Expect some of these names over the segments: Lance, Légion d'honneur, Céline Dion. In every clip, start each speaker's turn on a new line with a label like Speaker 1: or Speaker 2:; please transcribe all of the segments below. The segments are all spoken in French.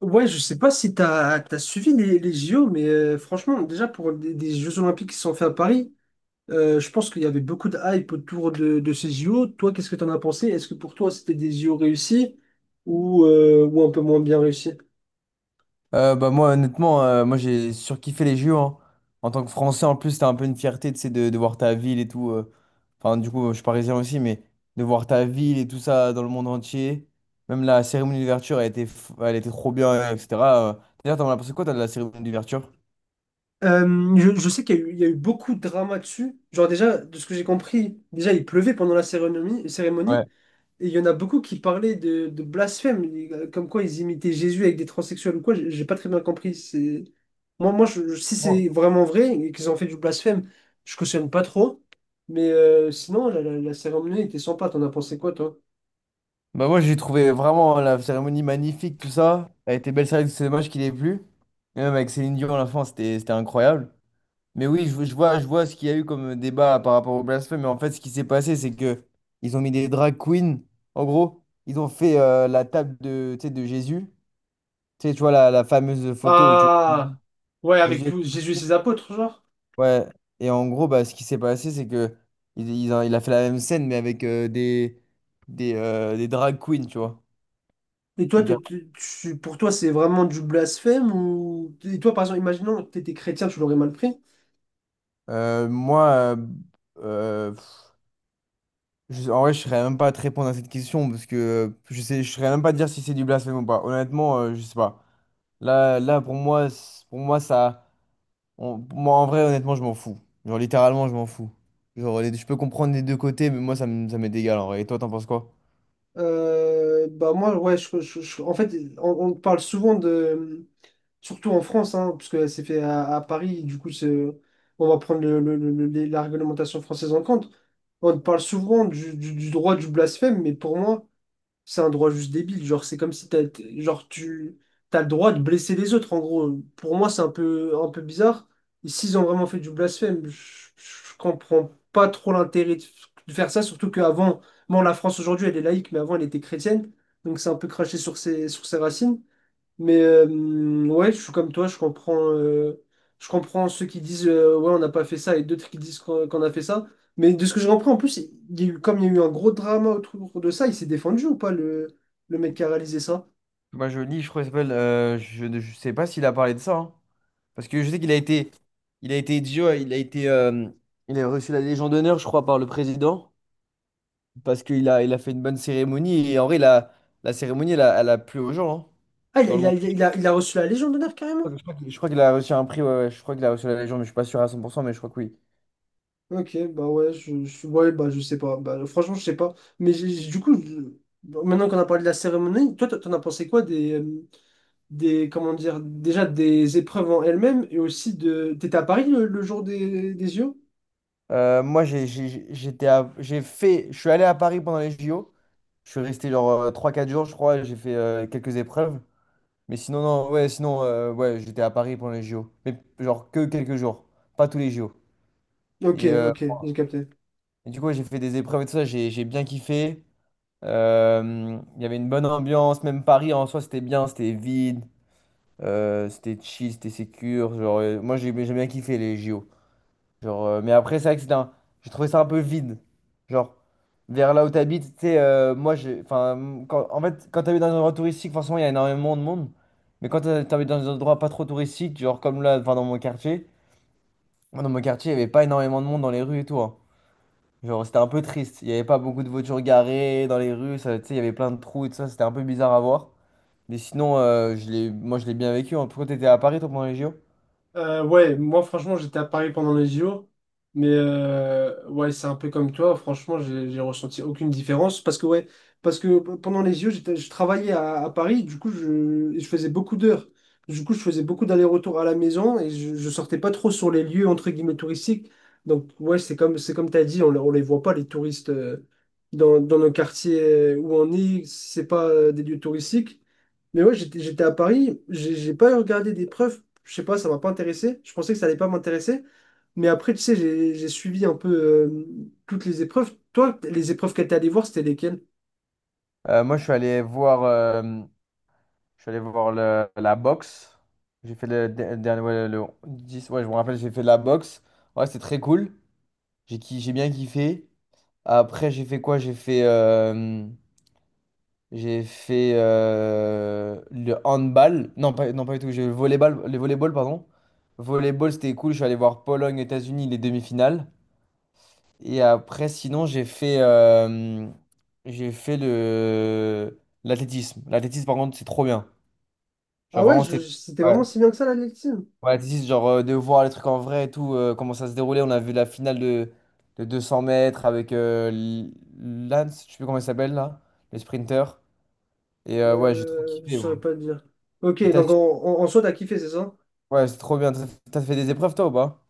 Speaker 1: Ouais, je sais pas si t'as as suivi les JO, mais franchement, déjà pour des Jeux Olympiques qui se sont faits à Paris, je pense qu'il y avait beaucoup de hype autour de ces JO. Toi, qu'est-ce que t'en as pensé? Est-ce que pour toi c'était des JO réussis ou un peu moins bien réussis?
Speaker 2: Bah moi honnêtement moi j'ai surkiffé les JO hein. En tant que Français en plus, c'était un peu une fierté tu sais, de voir ta ville et tout. Enfin, du coup je suis parisien aussi, mais de voir ta ville et tout ça dans le monde entier, même la cérémonie d'ouverture, elle était elle était trop bien, etc euh. D'ailleurs, t'en as pensé quoi toi de la cérémonie d'ouverture?
Speaker 1: Je sais qu'il y a eu beaucoup de drama dessus. Genre déjà, de ce que j'ai compris, déjà il pleuvait pendant la cérémonie,
Speaker 2: Ouais.
Speaker 1: cérémonie. Et il y en a beaucoup qui parlaient de blasphème, comme quoi ils imitaient Jésus avec des transsexuels ou quoi, j'ai pas très bien compris. Moi, si c'est
Speaker 2: Oh.
Speaker 1: vraiment vrai et qu'ils ont fait du blasphème, je cautionne pas trop. Mais sinon, la cérémonie était sympa, t'en as pensé quoi, toi?
Speaker 2: Bah moi, j'ai trouvé vraiment la cérémonie magnifique, tout ça, elle était belle. C'est vrai que c'est dommage qu'il ait plu. Et même avec Céline Dion à la fin, c'était incroyable. Mais oui, je vois ce qu'il y a eu comme débat par rapport au blasphème, mais en fait, ce qui s'est passé, c'est que ils ont mis des drag queens. En gros, ils ont fait la table de, tu sais, de Jésus. Tu sais, tu vois la fameuse photo où tu vois
Speaker 1: Ah! Ouais,
Speaker 2: Jésus.
Speaker 1: avec tout
Speaker 2: Les
Speaker 1: Jésus et
Speaker 2: pieds.
Speaker 1: ses apôtres, genre.
Speaker 2: Ouais. Et en gros, bah, ce qui s'est passé, c'est que il a fait la même scène, mais avec des drag queens, tu vois.
Speaker 1: Et toi,
Speaker 2: Donc,
Speaker 1: pour toi, c'est vraiment du blasphème ou... Et toi, par exemple, imaginons que t'étais chrétien, tu l'aurais mal pris.
Speaker 2: moi, euh, en vrai, je serais même pas à te répondre à cette question parce que je sais, je serais même pas à te dire si c'est du blasphème ou pas. Honnêtement, je sais pas. Là, là, pour moi, pour moi, ça, pour moi, en vrai, honnêtement, je m'en fous. Genre, littéralement, je m'en fous. Genre, je peux comprendre les deux côtés, mais moi, ça m'est égal en vrai. Et toi, t'en penses quoi?
Speaker 1: Bah moi, ouais, en fait, on parle souvent de... Surtout en France, hein, parce que c'est fait à Paris, du coup, on va prendre la réglementation française en compte. On parle souvent du droit du blasphème, mais pour moi, c'est un droit juste débile. Genre, c'est comme si genre, tu as le droit de blesser les autres, en gros. Pour moi, c'est un peu bizarre. Et s'ils ont vraiment fait du blasphème, je comprends pas trop l'intérêt de faire ça, surtout qu'avant, bon, la France aujourd'hui, elle est laïque, mais avant, elle était chrétienne. Donc, c'est un peu craché sur sur ses racines. Mais ouais, je suis comme toi, je comprends ceux qui disent ouais, on n'a pas fait ça et d'autres qui disent qu'on a fait ça. Mais de ce que je comprends, en plus, il y a eu, comme il y a eu un gros drama autour de ça, il s'est défendu ou pas le mec qui a réalisé ça?
Speaker 2: Bah, je lis, je crois, qu'il s'appelle. Je, ne je sais pas s'il a parlé de ça, hein. Parce que je sais qu'il a été idiot, il a reçu la Légion d'honneur, je crois, par le président. Parce qu'il a fait une bonne cérémonie. Et en vrai, la cérémonie, elle a plu aux gens, hein,
Speaker 1: Ah, il a,
Speaker 2: dans le
Speaker 1: il a,
Speaker 2: monde.
Speaker 1: il a, il a- il a reçu la Légion d'honneur carrément?
Speaker 2: Je crois qu'il a reçu un prix. Ouais, ouais, je crois qu'il a reçu la Légion, mais je suis pas sûr à 100%, mais je crois que oui.
Speaker 1: Ok, bah ouais, ouais, bah je sais pas. Bah, franchement, je sais pas. Mais du coup, maintenant qu'on a parlé de la cérémonie, toi, t'en as pensé quoi des, comment dire, déjà des épreuves en elles-mêmes et aussi de... T'étais à Paris le jour des JO?
Speaker 2: Moi, j'ai- j'étais à- j'ai fait, je suis allé à Paris pendant les JO. Je suis resté genre 3-4 jours, je crois. J'ai fait quelques épreuves. Mais sinon, non, ouais, sinon, ouais, j'étais à Paris pendant les JO. Mais genre que quelques jours, pas tous les JO.
Speaker 1: Ok,
Speaker 2: Et, euh,
Speaker 1: ok, j'ai capté.
Speaker 2: et du coup, ouais, j'ai fait des épreuves et tout ça. J'ai bien kiffé. Il y avait une bonne ambiance, même Paris en soi c'était bien, c'était vide, c'était chill, c'était sécure. Genre, moi j'ai bien kiffé les JO. Genre, mais après, c'est vrai que c'était j'ai trouvé ça un peu vide. Genre, vers là où t'habites, tu sais, moi j'ai. Enfin, en fait, quand t'habites dans un endroit touristique, forcément il y a énormément de monde. Mais quand t'habites dans un endroit pas trop touristique, genre comme là, enfin dans mon quartier, moi, dans mon quartier, il y avait pas énormément de monde dans les rues et tout, hein. Genre, c'était un peu triste. Il n'y avait pas beaucoup de voitures garées dans les rues. Tu sais, il y avait plein de trous et tout ça. C'était un peu bizarre à voir. Mais sinon, moi, je l'ai bien vécu. En tout cas, tu étais à Paris, toi, pendant les JO.
Speaker 1: Ouais, moi franchement j'étais à Paris pendant les JO, mais ouais c'est un peu comme toi, franchement j'ai ressenti aucune différence parce que ouais, pendant les JO je travaillais à Paris, du coup je faisais beaucoup d'heures, du coup je faisais beaucoup d'allers-retours à la maison et je sortais pas trop sur les lieux entre guillemets touristiques, donc ouais c'est comme t'as dit, on les voit pas les touristes dans nos quartiers où on est, c'est pas des lieux touristiques. Mais ouais, j'étais à Paris, j'ai pas regardé des preuves je sais pas, ça m'a pas intéressé. Je pensais que ça allait pas m'intéresser. Mais après, tu sais, j'ai suivi un peu euh, toutes les épreuves. Toi, les épreuves que t'es allé voir, c'était lesquelles?
Speaker 2: Moi, je suis allé voir la boxe. J'ai fait le, dernier, ouais, le 10, ouais, je me rappelle, j'ai fait de la boxe. Ouais, c'était très cool. J'ai bien kiffé. Après, j'ai fait quoi? J'ai fait. J'ai fait Le handball. Non, pas, non, pas du tout. J'ai le volleyball, pardon. Volleyball, c'était cool. Je suis allé voir Pologne, États-Unis, les demi-finales. Et après, sinon, j'ai fait le l'athlétisme. L'athlétisme, par contre, c'est trop bien.
Speaker 1: Ah
Speaker 2: Genre,
Speaker 1: ouais,
Speaker 2: vraiment, c'était.
Speaker 1: c'était
Speaker 2: Ouais.
Speaker 1: vraiment si bien que ça, l'athlétisme?
Speaker 2: Ouais, l'athlétisme, genre, de voir les trucs en vrai et tout, comment ça se déroulait. On a vu la finale de 200 mètres avec Lance, je sais plus comment il s'appelle là, le sprinter. Et ouais, j'ai trop
Speaker 1: Je
Speaker 2: kiffé,
Speaker 1: saurais
Speaker 2: moi.
Speaker 1: pas te dire. Ok, donc en soi, t'as kiffé, c'est ça?
Speaker 2: Ouais, c'est trop bien. T'as fait des épreuves, toi, ou pas?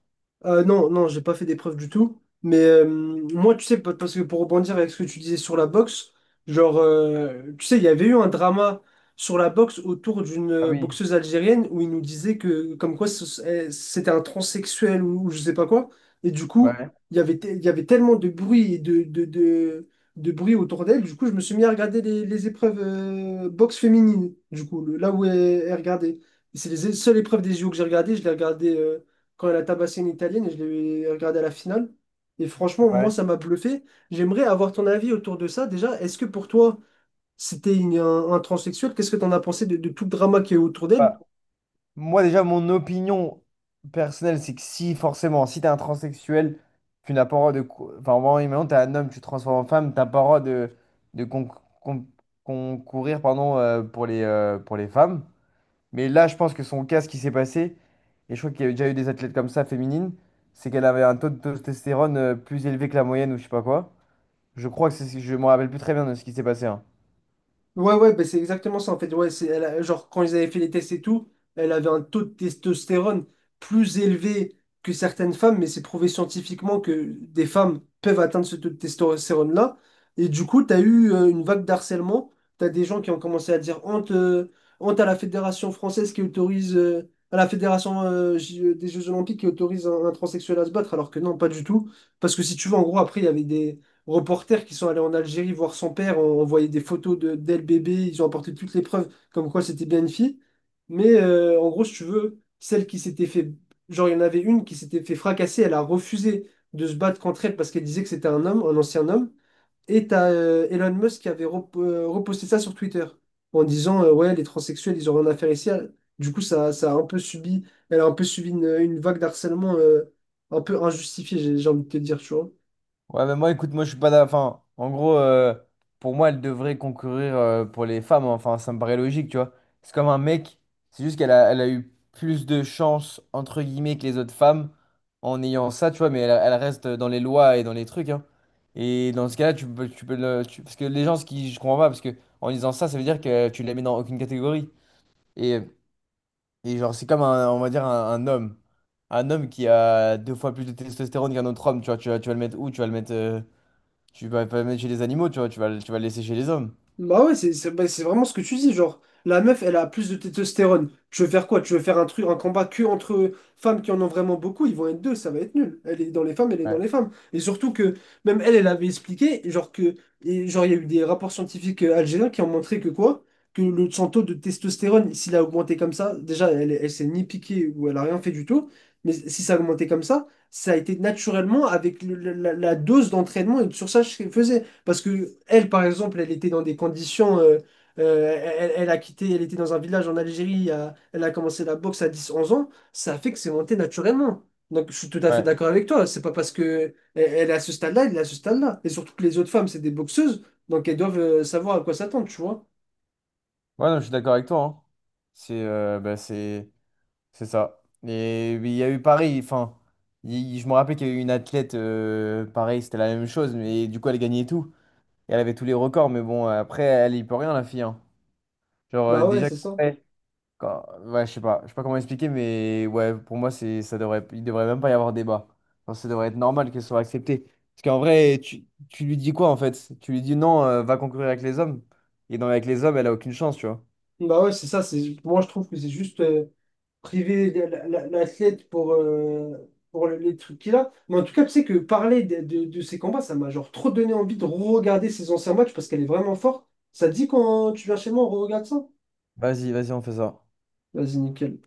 Speaker 1: Non, non, j'ai pas fait d'épreuve du tout. Mais moi, tu sais, parce que pour rebondir avec ce que tu disais sur la boxe, genre, tu sais, il y avait eu un drama sur la boxe autour d'une
Speaker 2: Ah oui,
Speaker 1: boxeuse algérienne où il nous disait que, comme quoi, c'était un transsexuel ou je sais pas quoi. Et du coup,
Speaker 2: ouais,
Speaker 1: il y avait tellement de bruit et de bruit autour d'elle. Du coup, je me suis mis à regarder les épreuves boxe féminine, du coup, là où elle regardait. Et c'est les seules épreuves des JO que j'ai regardées. Je l'ai regardé quand elle a tabassé une Italienne et je l'ai regardé à la finale. Et franchement, moi,
Speaker 2: ouais.
Speaker 1: ça m'a bluffé. J'aimerais avoir ton avis autour de ça. Déjà, est-ce que pour toi, c'était un transsexuel? Qu'est-ce que tu en as pensé de tout le drama qui est autour d'elle?
Speaker 2: Bah moi déjà, mon opinion personnelle, c'est que si forcément, si t'es un transsexuel, tu n'as pas le droit de... Enfin, vraiment, imaginons, t'es un homme, tu te transformes en femme, t'as pas le droit de con- concourir, pardon, pour les femmes. Mais là, je pense que son cas, ce qui s'est passé, et je crois qu'il y a déjà eu des athlètes comme ça, féminines, c'est qu'elle avait un taux de testostérone plus élevé que la moyenne ou je sais pas quoi. Je crois que c'est... Je me rappelle plus très bien de ce qui s'est passé, hein.
Speaker 1: Ouais, ouais, bah, c'est exactement ça en fait. Ouais, genre, quand ils avaient fait les tests et tout, elle avait un taux de testostérone plus élevé que certaines femmes, mais c'est prouvé scientifiquement que des femmes peuvent atteindre ce taux de testostérone-là. Et du coup, tu as eu une vague d'harcèlement. Tu as des gens qui ont commencé à dire honte à la Fédération française qui autorise, à la Fédération des Jeux Olympiques qui autorise un transsexuel à se battre, alors que non, pas du tout. Parce que si tu veux, en gros, après, il y avait des reporters qui sont allés en Algérie voir son père, on voyait des photos d'elle bébé, ils ont apporté toutes les preuves comme quoi c'était bien une fille. Mais en gros, si tu veux, celle qui s'était fait, genre il y en avait une qui s'était fait fracasser, elle a refusé de se battre contre elle parce qu'elle disait que c'était un homme, un ancien homme. Et t'as Elon Musk qui avait reposté ça sur Twitter en disant ouais les transsexuels ils ont rien à faire ici. Du coup ça a un peu subi, elle a un peu subi une vague d'harcèlement un peu injustifiée j'ai envie de te dire tu vois.
Speaker 2: Ouais, mais moi, écoute, moi, je suis pas d'accord. Enfin, en gros, pour moi, elle devrait concourir pour les femmes, hein. Enfin, ça me paraît logique, tu vois. C'est comme un mec, c'est juste qu'elle a eu plus de chance, entre guillemets, que les autres femmes en ayant ça, tu vois. Mais elle, elle reste dans les lois et dans les trucs, hein. Et dans ce cas-là, tu peux le. Parce que les gens, ce qui. Je comprends pas, parce que en disant ça, ça veut dire que tu la mets dans aucune catégorie. Et, et genre, c'est comme, un, on va dire, un homme. Un homme qui a deux fois plus de testostérone qu'un autre homme, tu vois. Tu vas le mettre où? Tu vas pas le mettre chez les animaux, tu vois, tu vas le laisser chez les hommes.
Speaker 1: Bah ouais, bah, c'est vraiment ce que tu dis, genre, la meuf, elle a plus de testostérone. Tu veux faire quoi? Tu veux faire un truc, un combat que entre femmes qui en ont vraiment beaucoup, ils vont être deux, ça va être nul. Elle est dans les femmes, elle est dans
Speaker 2: Ouais,
Speaker 1: les femmes. Et surtout que, même elle, elle avait expliqué, genre que, et genre, il y a eu des rapports scientifiques algériens qui ont montré que quoi? Que son taux de testostérone, s'il a augmenté comme ça, déjà, elle, elle s'est ni piquée ou elle a rien fait du tout, mais si ça a augmenté comme ça a été naturellement avec la dose d'entraînement et de surcharge qu'elle faisait. Parce que elle, par exemple, elle était dans des conditions. Elle a quitté, elle était dans un village en Algérie, elle a commencé la boxe à 10-11 ans. Ça fait que c'est monté naturellement. Donc je suis tout à fait
Speaker 2: ouais.
Speaker 1: d'accord avec toi. C'est pas parce que elle, elle est à ce stade-là, elle est à ce stade-là. Et surtout que les autres femmes, c'est des boxeuses, donc elles doivent savoir à quoi s'attendre, tu vois.
Speaker 2: Ouais, non, je suis d'accord avec toi, hein. C'est bah, c'est ça. Et il y a eu pareil, enfin, je me rappelle qu'il y a eu une athlète, pareil, c'était la même chose, mais du coup, elle gagnait tout. Et elle avait tous les records, mais bon, après, elle y peut rien, la fille, hein. Genre,
Speaker 1: Bah ouais,
Speaker 2: déjà.
Speaker 1: c'est ça.
Speaker 2: Ouais, je sais pas comment expliquer, mais ouais, pour moi, ça devrait, il devrait même pas y avoir débat. Enfin, ça devrait être normal qu'elle soit acceptée. Parce qu'en vrai, tu lui dis quoi en fait? Tu lui dis non, va concourir avec les hommes. Et dans avec les hommes, elle a aucune chance, tu vois.
Speaker 1: Bah ouais, c'est ça. Moi, je trouve que c'est juste. Priver l'athlète pour les trucs qu'il a. Mais en tout cas, tu sais que parler de ces combats, ça m'a genre trop donné envie de regarder ses anciens matchs parce qu'elle est vraiment forte. Ça te dit quand tu viens chez moi, on regarde ça?
Speaker 2: Vas-y, vas-y, on fait ça.
Speaker 1: Vas-y, nickel.